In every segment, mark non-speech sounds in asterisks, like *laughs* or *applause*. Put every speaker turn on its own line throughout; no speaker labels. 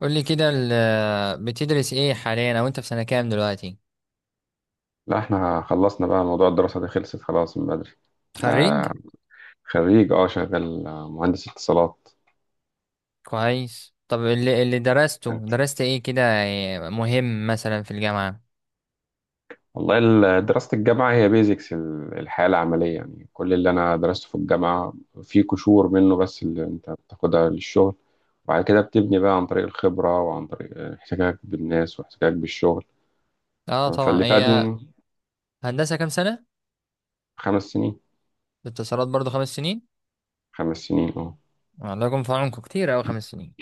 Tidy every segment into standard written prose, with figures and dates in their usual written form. قولي كده بتدرس ايه حاليا، او انت في سنة كام دلوقتي؟
لا، احنا خلصنا بقى موضوع الدراسة دي. خلصت خلاص من بدري.
خريج؟
انا خريج، شغال، مهندس اتصالات.
كويس. طب اللي درسته،
انت؟
درست ايه كده؟ مهم، مثلا في الجامعة.
والله، دراسة الجامعة هي بيزكس الحياة العملية. يعني كل اللي انا درسته في الجامعة في قشور منه بس اللي انت بتاخدها للشغل، وبعد كده بتبني بقى عن طريق الخبرة وعن طريق احتكاك بالناس واحتكاك بالشغل.
اه طبعا.
فاللي
هي
فادني.
هندسة كام سنة؟
5 سنين.
اتصالات برضو 5 سنين؟
5 سنين، اه.
الله يكون في عونكم، كتير اوي 5 سنين.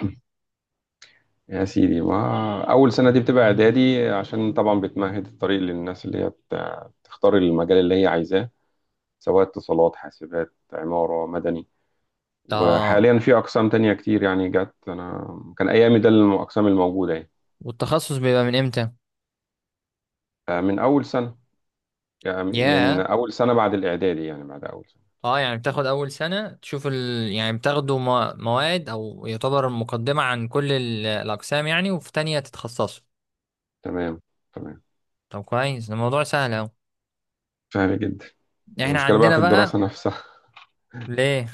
يا سيدي ما أول سنة دي بتبقى إعدادي، عشان طبعا بتمهد الطريق للناس اللي هي تختار المجال اللي هي عايزاه، سواء اتصالات، حاسبات، عمارة، مدني.
اه
وحاليا في أقسام تانية كتير يعني جت. أنا كان أيامي ده الأقسام الموجودة يعني.
والتخصص بيبقى من امتى؟
فمن أول سنة، يعني من
ياه.
أول سنة بعد الإعدادي، يعني بعد أول سنة.
اه، يعني بتاخد اول سنة تشوف يعني بتاخدوا مواد او يعتبر مقدمة عن كل الاقسام، يعني، وفي تانية تتخصصوا.
تمام، تمام.
طب كويس، ده الموضوع سهل أوي.
سهل جدا.
يعني احنا
المشكلة بقى
عندنا
في الدراسة
بقى.
نفسها.
ليه؟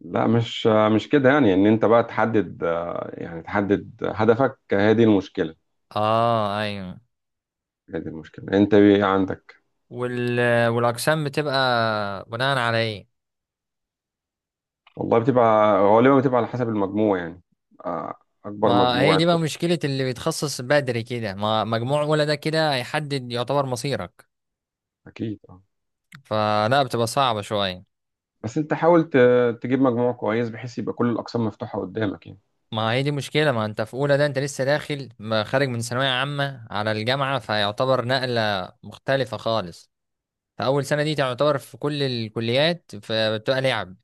لا، مش كده، يعني إن أنت بقى تحدد، يعني تحدد هدفك، هذه المشكلة.
اه ايوه.
هي دي المشكلة، انت ايه عندك؟
وال... والاقسام بتبقى بناء على ايه؟
والله، بتبقى غالبا بتبقى على حسب المجموع يعني. آه، اكبر
ما هي
مجموع
دي بقى مشكلة اللي بيتخصص بدري كده، ما مجموع ولا ده كده هيحدد يعتبر مصيرك،
اكيد، اه.
فلا بتبقى صعبة شوية.
بس انت حاول تجيب مجموع كويس بحيث يبقى كل الاقسام مفتوحة قدامك يعني.
ما هي دي مشكلة، ما انت في اولى، ده انت لسه داخل، ما خارج من ثانوية عامة على الجامعة، فيعتبر نقلة مختلفة خالص. فأول سنة دي تعتبر في كل الكليات، فبتبقى لعب.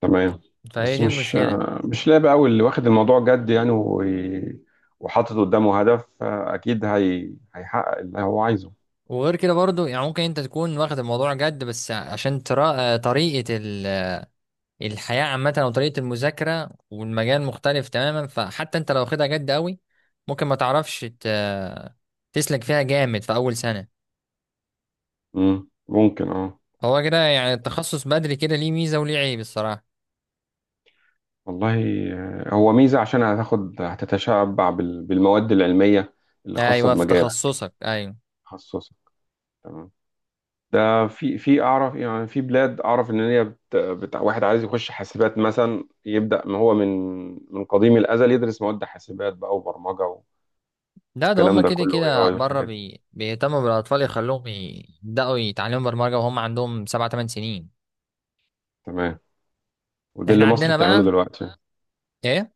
تمام.
فهي
بس
دي
مش،
المشكلة.
مش لاعب قوي اللي واخد الموضوع جد يعني، وحاطط قدامه هدف. اكيد هي هيحقق اللي هو عايزه.
وغير كده برضو، يعني ممكن انت تكون واخد الموضوع جد، بس عشان ترى طريقة الحياة عامة او طريقة المذاكرة، والمجال مختلف تماما، فحتى انت لو واخدها جد قوي، ممكن ما تعرفش تسلك فيها جامد في اول سنة.
ممكن، اه.
هو كده، يعني التخصص بدري كده ليه ميزة وليه عيب الصراحة.
والله، هو ميزة عشان هتاخد، هتتشبع بالمواد العلمية اللي خاصة
ايوه، في
بمجالك.
تخصصك ايوه.
تخصصك، تمام. ده في اعرف، يعني في بلاد اعرف ان هي واحد عايز يخش حاسبات مثلا، يبدا ما هو من قديم الازل يدرس مواد حاسبات بقى وبرمجه،
لا، ده هما
والكلام ده
كده
كله. اي
كده
اي
بره
والحاجات دي،
بيهتموا بالاطفال، يخلوهم يبداوا يتعلموا برمجة وهم عندهم 7 8 سنين.
تمام. وده
احنا
اللي مصر
عندنا
بتعمله
بقى.
دلوقتي.
ايه؟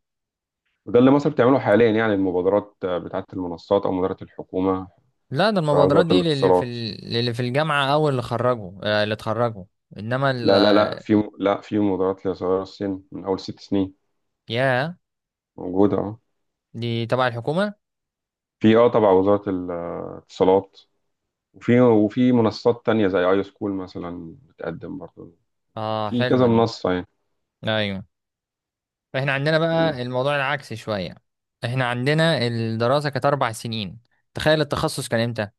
وده اللي مصر بتعمله حاليا، يعني المبادرات بتاعه المنصات او مبادره الحكومه،
لا، ده
تبع
المبادرات
وزاره
دي
الاتصالات.
للي في الجامعة أو اللي خرجوا، اللي اتخرجوا، إنما
لا لا لا، في، لا، في مبادرات لصغار السن من اول 6 سنين.
يا،
موجوده، اه.
دي تبع الحكومة؟
في، تبع وزاره الاتصالات. وفي منصات تانية زي اي سكول مثلا بتقدم برضه.
اه،
في
حلوة
كذا
دي.
منصة يعني.
أيوة. احنا عندنا
تمام.
بقى الموضوع العكسي شوية. احنا عندنا الدراسة كانت 4 سنين. تخيل التخصص كان إمتى؟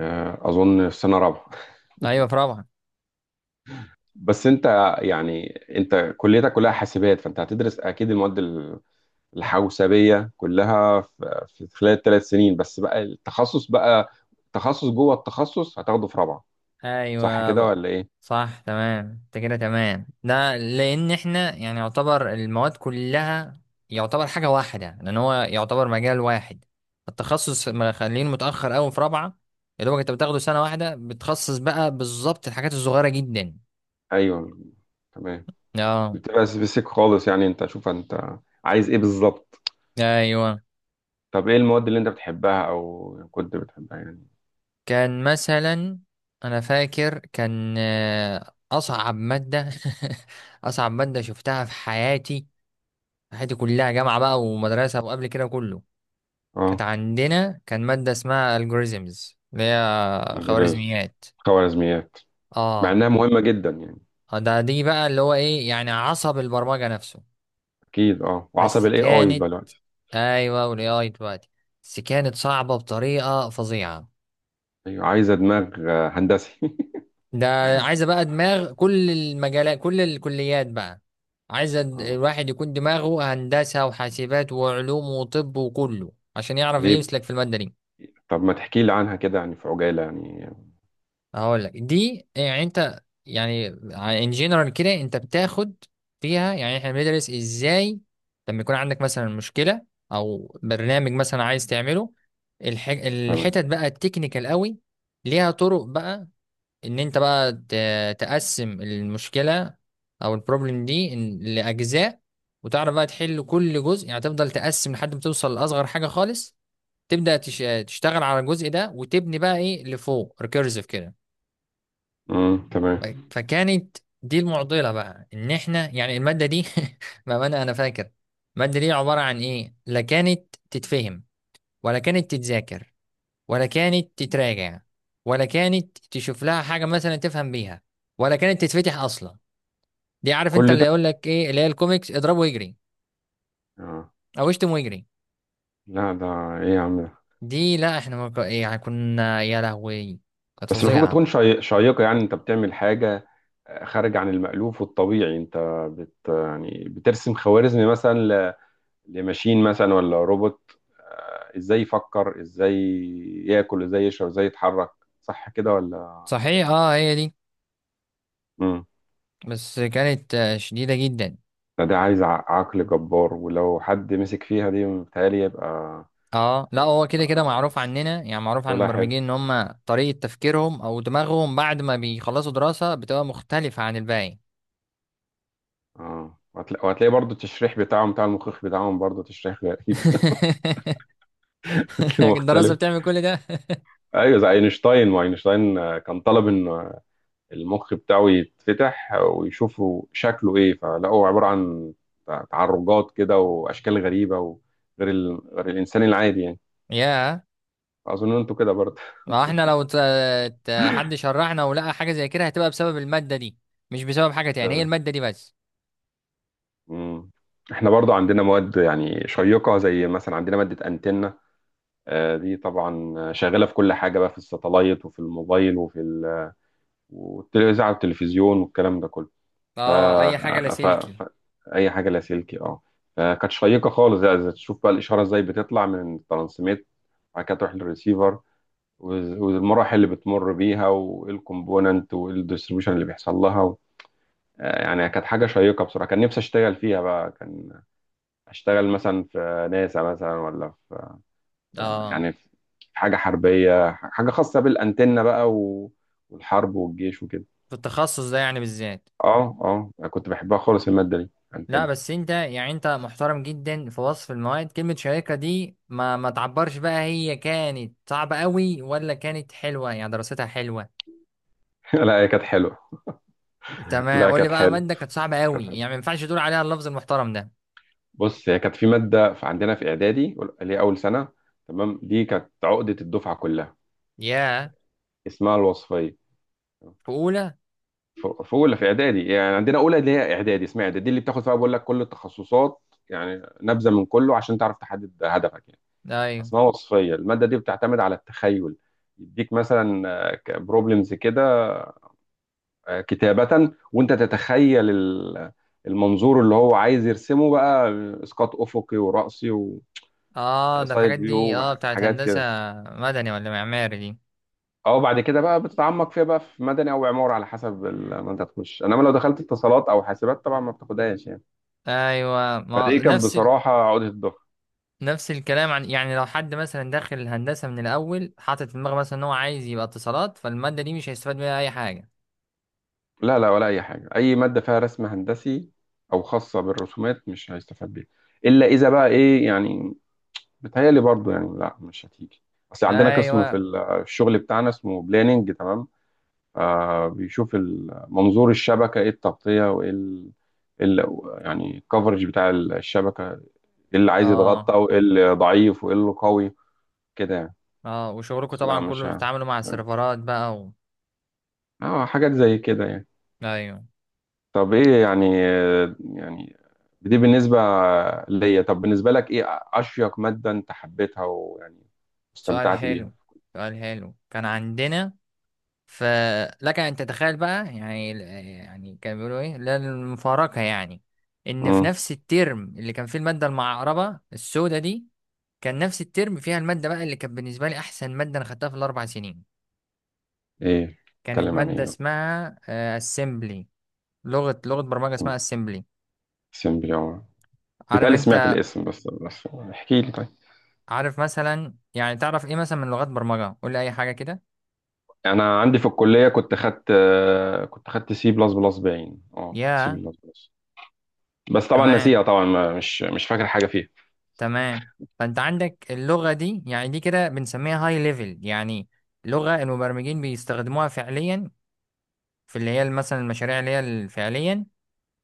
اظن في سنة رابعة.
أيوة، في رابعة.
بس انت يعني، انت كليتك كلها حاسبات، فانت هتدرس اكيد المواد الحوسبية كلها في خلال ال3 سنين، بس بقى التخصص بقى، تخصص جوه التخصص هتاخده في رابعة. صح كده
أيوة.
ولا ايه؟
صح، تمام، انت كده تمام، ده لان احنا يعني يعتبر المواد كلها يعتبر حاجة واحدة، لان هو يعتبر مجال واحد. التخصص مخلينه متأخر قوي في رابعة. يا دوبك انت بتاخده سنة واحدة بتخصص بقى بالظبط الحاجات الصغيرة جدا.
ايوه، تمام.
اه.
بتبقى سبيسيك خالص، يعني انت شوف انت عايز ايه بالظبط.
ايوه.
طب ايه المواد اللي انت بتحبها او كنت بتحبها يعني؟
كان مثلا، انا فاكر كان اصعب مادة. *laughs* اصعب مادة شفتها في حياتي، حياتي كلها جامعة بقى ومدرسة وقبل كده كله. كانت
اه.
عندنا، كان مادة اسمها algorithms، اللي هي
الجوريزم،
خوارزميات.
خوارزميات. مع
اه.
انها مهمه جدا يعني.
آه، ده دي بقى اللي هو ايه، يعني عصب البرمجة نفسه.
اكيد، اه، وعصب
بس
الاي اي
كانت،
دلوقتي.
ايوه، والاي اي دلوقتي، بس كانت صعبة بطريقة فظيعة.
ايوه، عايزه دماغ هندسي.
ده. عايزة بقى دماغ كل المجالات كل الكليات بقى. عايزة
*laughs* اه،
الواحد يكون دماغه هندسة وحاسبات وعلوم وطب وكله عشان يعرف
ليه؟
يمسلك في المادة دي.
طب ما تحكي لي عنها كده يعني، في عجاله يعني.
هقول لك، دي يعني، انت يعني، ان جنرال كده انت بتاخد فيها. يعني احنا بندرس ازاي لما يكون عندك مثلا مشكله، او برنامج مثلا عايز تعمله.
تمام.
الحتت بقى التكنيكال قوي ليها طرق بقى. ان انت بقى تقسم المشكله او البروبلم دي لاجزاء، وتعرف بقى تحل كل جزء، يعني تفضل تقسم لحد ما توصل لاصغر حاجه خالص، تبدا تشتغل على الجزء ده وتبني بقى ايه لفوق، ريكيرسيف كده. ف-
تمام.
فكانت دي المعضلة بقى، ان احنا يعني المادة دي، *laughs* بأمانة انا فاكر المادة دي عبارة عن ايه، لا كانت تتفهم ولا كانت تتذاكر ولا كانت تتراجع ولا كانت تشوف لها حاجة مثلا تفهم بيها ولا كانت تتفتح اصلا. دي عارف انت
كل
اللي
ده،
يقول لك ايه اللي هي الكوميكس، اضربه ويجري
اه.
او اشتم ويجري.
لا ده، ايه يا عم ده.
دي لا، احنا ما ك- يعني كنا يا لهوي، كانت
بس المفروض
فظيعة.
تكون شيقه، يعني انت بتعمل حاجه خارج عن المألوف والطبيعي. انت يعني بترسم خوارزمي مثلا لماشين مثلا ولا روبوت، ازاي يفكر، ازاي ياكل، ازاي يشرب، ازاي يتحرك. صح كده ولا
صحيح،
فاهم؟
اه، هي دي.
امم
بس كانت شديدة جدا.
فده عايز، عقل جبار، ولو حد مسك فيها دي متهيألي يبقى.
اه لا، هو كده كده
آه،
معروف عننا، يعني معروف عن
شغلها حلو.
المبرمجين ان هم طريقة تفكيرهم او دماغهم بعد ما بيخلصوا دراسة بتبقى مختلفة عن الباقي.
اه. وهتلاقي برضو التشريح بتاعهم، بتاع المخيخ بتاعهم، برضو تشريح غريب. *laughs*
*laughs*
هتلاقيه
الدراسة
مختلف.
بتعمل كل ده.
ايوه، زي اينشتاين. ما اينشتاين، كان طالب ان المخ بتاعه يتفتح ويشوفوا شكله ايه، فلقوا عبارة عن تعرجات كده واشكال غريبة، وغير ال... غير الانسان العادي يعني.
يا،
اظن انتوا كده برضه.
ما احنا لو حد شرحنا ولقى حاجة زي كده هتبقى بسبب المادة دي، مش بسبب حاجة
*laughs*
تاني، هي
تمام.
المادة دي بس.
مم. احنا برضه عندنا مواد يعني شيقة، زي مثلا عندنا مادة انتنة. دي طبعا شغالة في كل حاجة بقى، في الساتلايت، وفي الموبايل، وفي والتلفزيون والكلام ده كله. ف...
اه، اي حاجة
ف...
لاسلكي.
ف... اي حاجه لاسلكي، اه. فكانت شيقه خالص، زي، تشوف بقى الاشاره ازاي بتطلع من الترانسميت وبعد كده تروح للريسيفر، والمراحل اللي بتمر بيها، وايه الكومبوننت، وايه الديستريبيوشن اللي بيحصل لها، و... يعني كانت حاجه شيقه بصراحه. كان نفسي اشتغل فيها بقى، كان اشتغل مثلا في ناسا مثلا، ولا في،
اه،
يعني في حاجه حربيه، حاجه خاصه بالانتنه بقى، و... والحرب والجيش وكده.
في التخصص ده يعني بالذات.
اه، اه، كنت بحبها خالص الماده دي،
لا
انتنه.
بس انت، يعني انت محترم جدا في وصف المواد، كلمة شيقة دي ما تعبرش بقى، هي كانت صعبة قوي ولا كانت حلوة يعني دراستها حلوة؟
*laughs* لا، هي كانت حلوه. *laughs*
تمام،
لا،
قول لي
كانت
بقى
حلوه.
مادة كانت صعبة
كانت
قوي،
حلوه.
يعني ما ينفعش تقول عليها اللفظ المحترم ده.
بص، هي كانت في ماده في عندنا في اعدادي، اللي هي اول سنه، تمام. دي كانت عقده الدفعه كلها.
ياه.
اسمها الوصفيه.
في اولى؟
في اولى، في اعدادي، يعني عندنا اولى اللي هي اعدادي، اسمها اعدادي، دي اللي بتاخد فيها بقول لك كل التخصصات، يعني نبذه من كله عشان تعرف تحدد هدفك يعني.
ايوه.
اسمها وصفيه. الماده دي بتعتمد على التخيل. يديك مثلا بروبلمز كده، كتابه، وانت تتخيل المنظور اللي هو عايز يرسمه بقى، اسقاط افقي ورأسي،
اه، ده
سايد
الحاجات دي
فيو،
اه بتاعت
حاجات
هندسة
كده.
مدني ولا معماري دي؟
اه، بعد كده بقى بتتعمق فيها بقى في مدني او عمارة على حسب ما انت تخش، انما لو دخلت اتصالات او حاسبات طبعا ما بتاخدهاش يعني.
ايوه،
فدي
ما
كانت
نفس
بصراحة عقدة الظهر.
نفس الكلام، عن يعني لو حد مثلا داخل الهندسة من الاول حاطط في دماغه مثلا ان هو عايز يبقى اتصالات، فالمادة دي مش هيستفاد منها اي حاجة.
لا لا، ولا اي حاجة. اي مادة فيها رسم هندسي او خاصة بالرسومات مش هيستفاد بيها، الا اذا بقى ايه يعني. بتهيألي برضو يعني لا، مش هتيجي. اصل عندنا قسم في
ايوه.
الشغل بتاعنا اسمه بلاننج، تمام. بيشوف منظور الشبكة، ايه التغطية، وايه إيه يعني الكفرج بتاع الشبكة، ايه اللي عايز
اه.
يتغطى، وايه اللي ضعيف، وايه اللي قوي. كده يعني.
اه، وشغلكم
بس لا،
طبعا
مش
كله
عارف.
بتتعاملوا مع
مش عارف.
السيرفرات بقى
اه، حاجات زي كده يعني.
ايوه.
طب ايه يعني، يعني دي بالنسبة ليا، طب بالنسبة لك ايه أشيق مادة انت حبيتها ويعني
سؤال
استمتعت بيها؟
حلو. سؤال حلو. كان عندنا، فلك ان تتخيل بقى يعني، يعني كانوا بيقولوا ايه، لا المفارقه يعني، ان في
امم
نفس الترم اللي كان فيه الماده المعقربه السوداء دي، كان نفس الترم فيها الماده بقى اللي كانت بالنسبه لي احسن ماده انا خدتها في ال4 سنين.
ايه؟
كانت
اتكلم عن
ماده
ايه؟
اسمها اسمبلي. لغه برمجه اسمها اسمبلي.
اسم باليوم.
عارف
بتالي سمعت
انت.
الاسم، بس، احكي لي طيب.
عارف مثلا، يعني تعرف ايه مثلا من لغات برمجة، قول لي اي حاجة كده.
انا عندي في الكليه كنت خدت، C++، باين كنت سي
يا.
بلس بلس بس طبعا ناسيها
تمام.
طبعا، مش فاكر حاجه فيها.
تمام. فانت عندك اللغة دي، يعني دي كده بنسميها هاي ليفل، يعني لغة المبرمجين بيستخدموها فعليا في اللي هي مثلا المشاريع اللي هي فعليا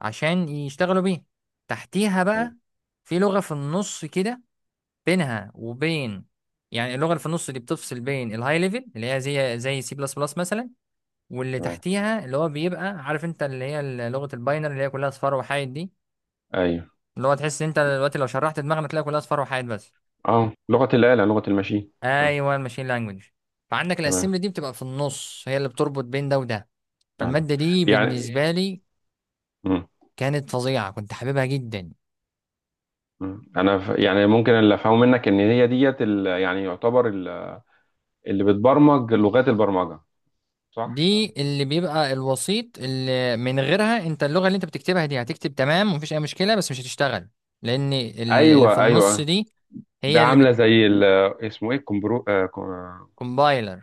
عشان يشتغلوا بيها. تحتيها
تمام،
بقى، في لغة في النص كده بينها وبين، يعني اللغة اللي في النص دي بتفصل بين الهاي ليفل اللي هي زي سي بلس بلس مثلا، واللي
تمام.
تحتيها اللي هو بيبقى عارف انت، اللي هي لغة الباينر اللي هي كلها اصفار وحايد دي.
ايوه،
اللي هو تحس انت دلوقتي لو شرحت دماغنا تلاقي كلها اصفار وحايد بس.
اه. لغه الاله، لغه الماشين، تمام.
ايوه، الماشين لانجوج. فعندك
تمام،
الاسمبلي دي بتبقى في النص هي اللي بتربط بين ده وده.
تمام،
فالمادة دي
يعني.
بالنسبة لي
مم.
كانت فظيعة، كنت حاببها جدا.
مم. انا يعني ممكن اللي افهمه منك ان هي ديت يعني يعتبر اللي بتبرمج لغات البرمجه، صح؟
دي اللي بيبقى الوسيط، اللي من غيرها انت اللغة اللي انت بتكتبها دي هتكتب تمام ومفيش اي مشكلة بس مش هتشتغل، لان اللي في
ايوه،
النص
ايوه.
دي
ده
هي اللي
عامله زي اسمه ايه،
بتكمبايلر.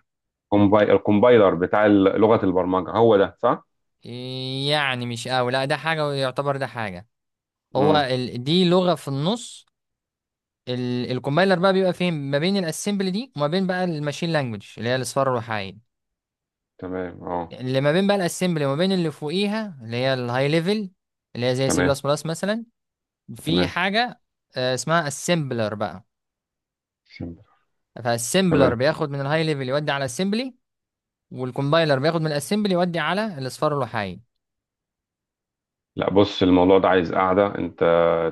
كومباي، الكومبايلر بتاع لغه البرمجه، هو ده صح؟
يعني مش قوي، لا ده حاجة ويعتبر ده حاجة. هو
مم.
دي لغة في النص. الكومبايلر بقى بيبقى فين ما بين الاسمبلي دي وما بين بقى الماشين لانجوج اللي هي الاصفار الوحايد.
تمام، اه.
اللي ما بين بقى الاسمبلي وما بين اللي فوقيها اللي هي الهاي ليفل، اللي هي زي سي
تمام،
بلس بلس مثلا، في
تمام.
حاجة اسمها اسمبلر بقى.
سيمبل.
فالاسمبلر
تمام.
بياخد من الهاي ليفل يودي على الاسمبلي، والكومبايلر بياخد من الاسمبلي يودي على الاصفار الوحايد.
لا بص، الموضوع ده عايز قاعدة. انت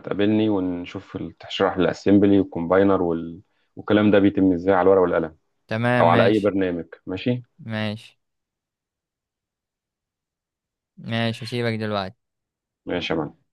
تقابلني ونشوف، تشرح لي الاسمبلي والكومباينر وال... والكلام ده بيتم ازاي على الورقة والقلم،
تمام،
او على اي
ماشي.
برنامج. ماشي.
ماشي. ماشي، هسيبك دلوقتي.
ماشي. يا معلم.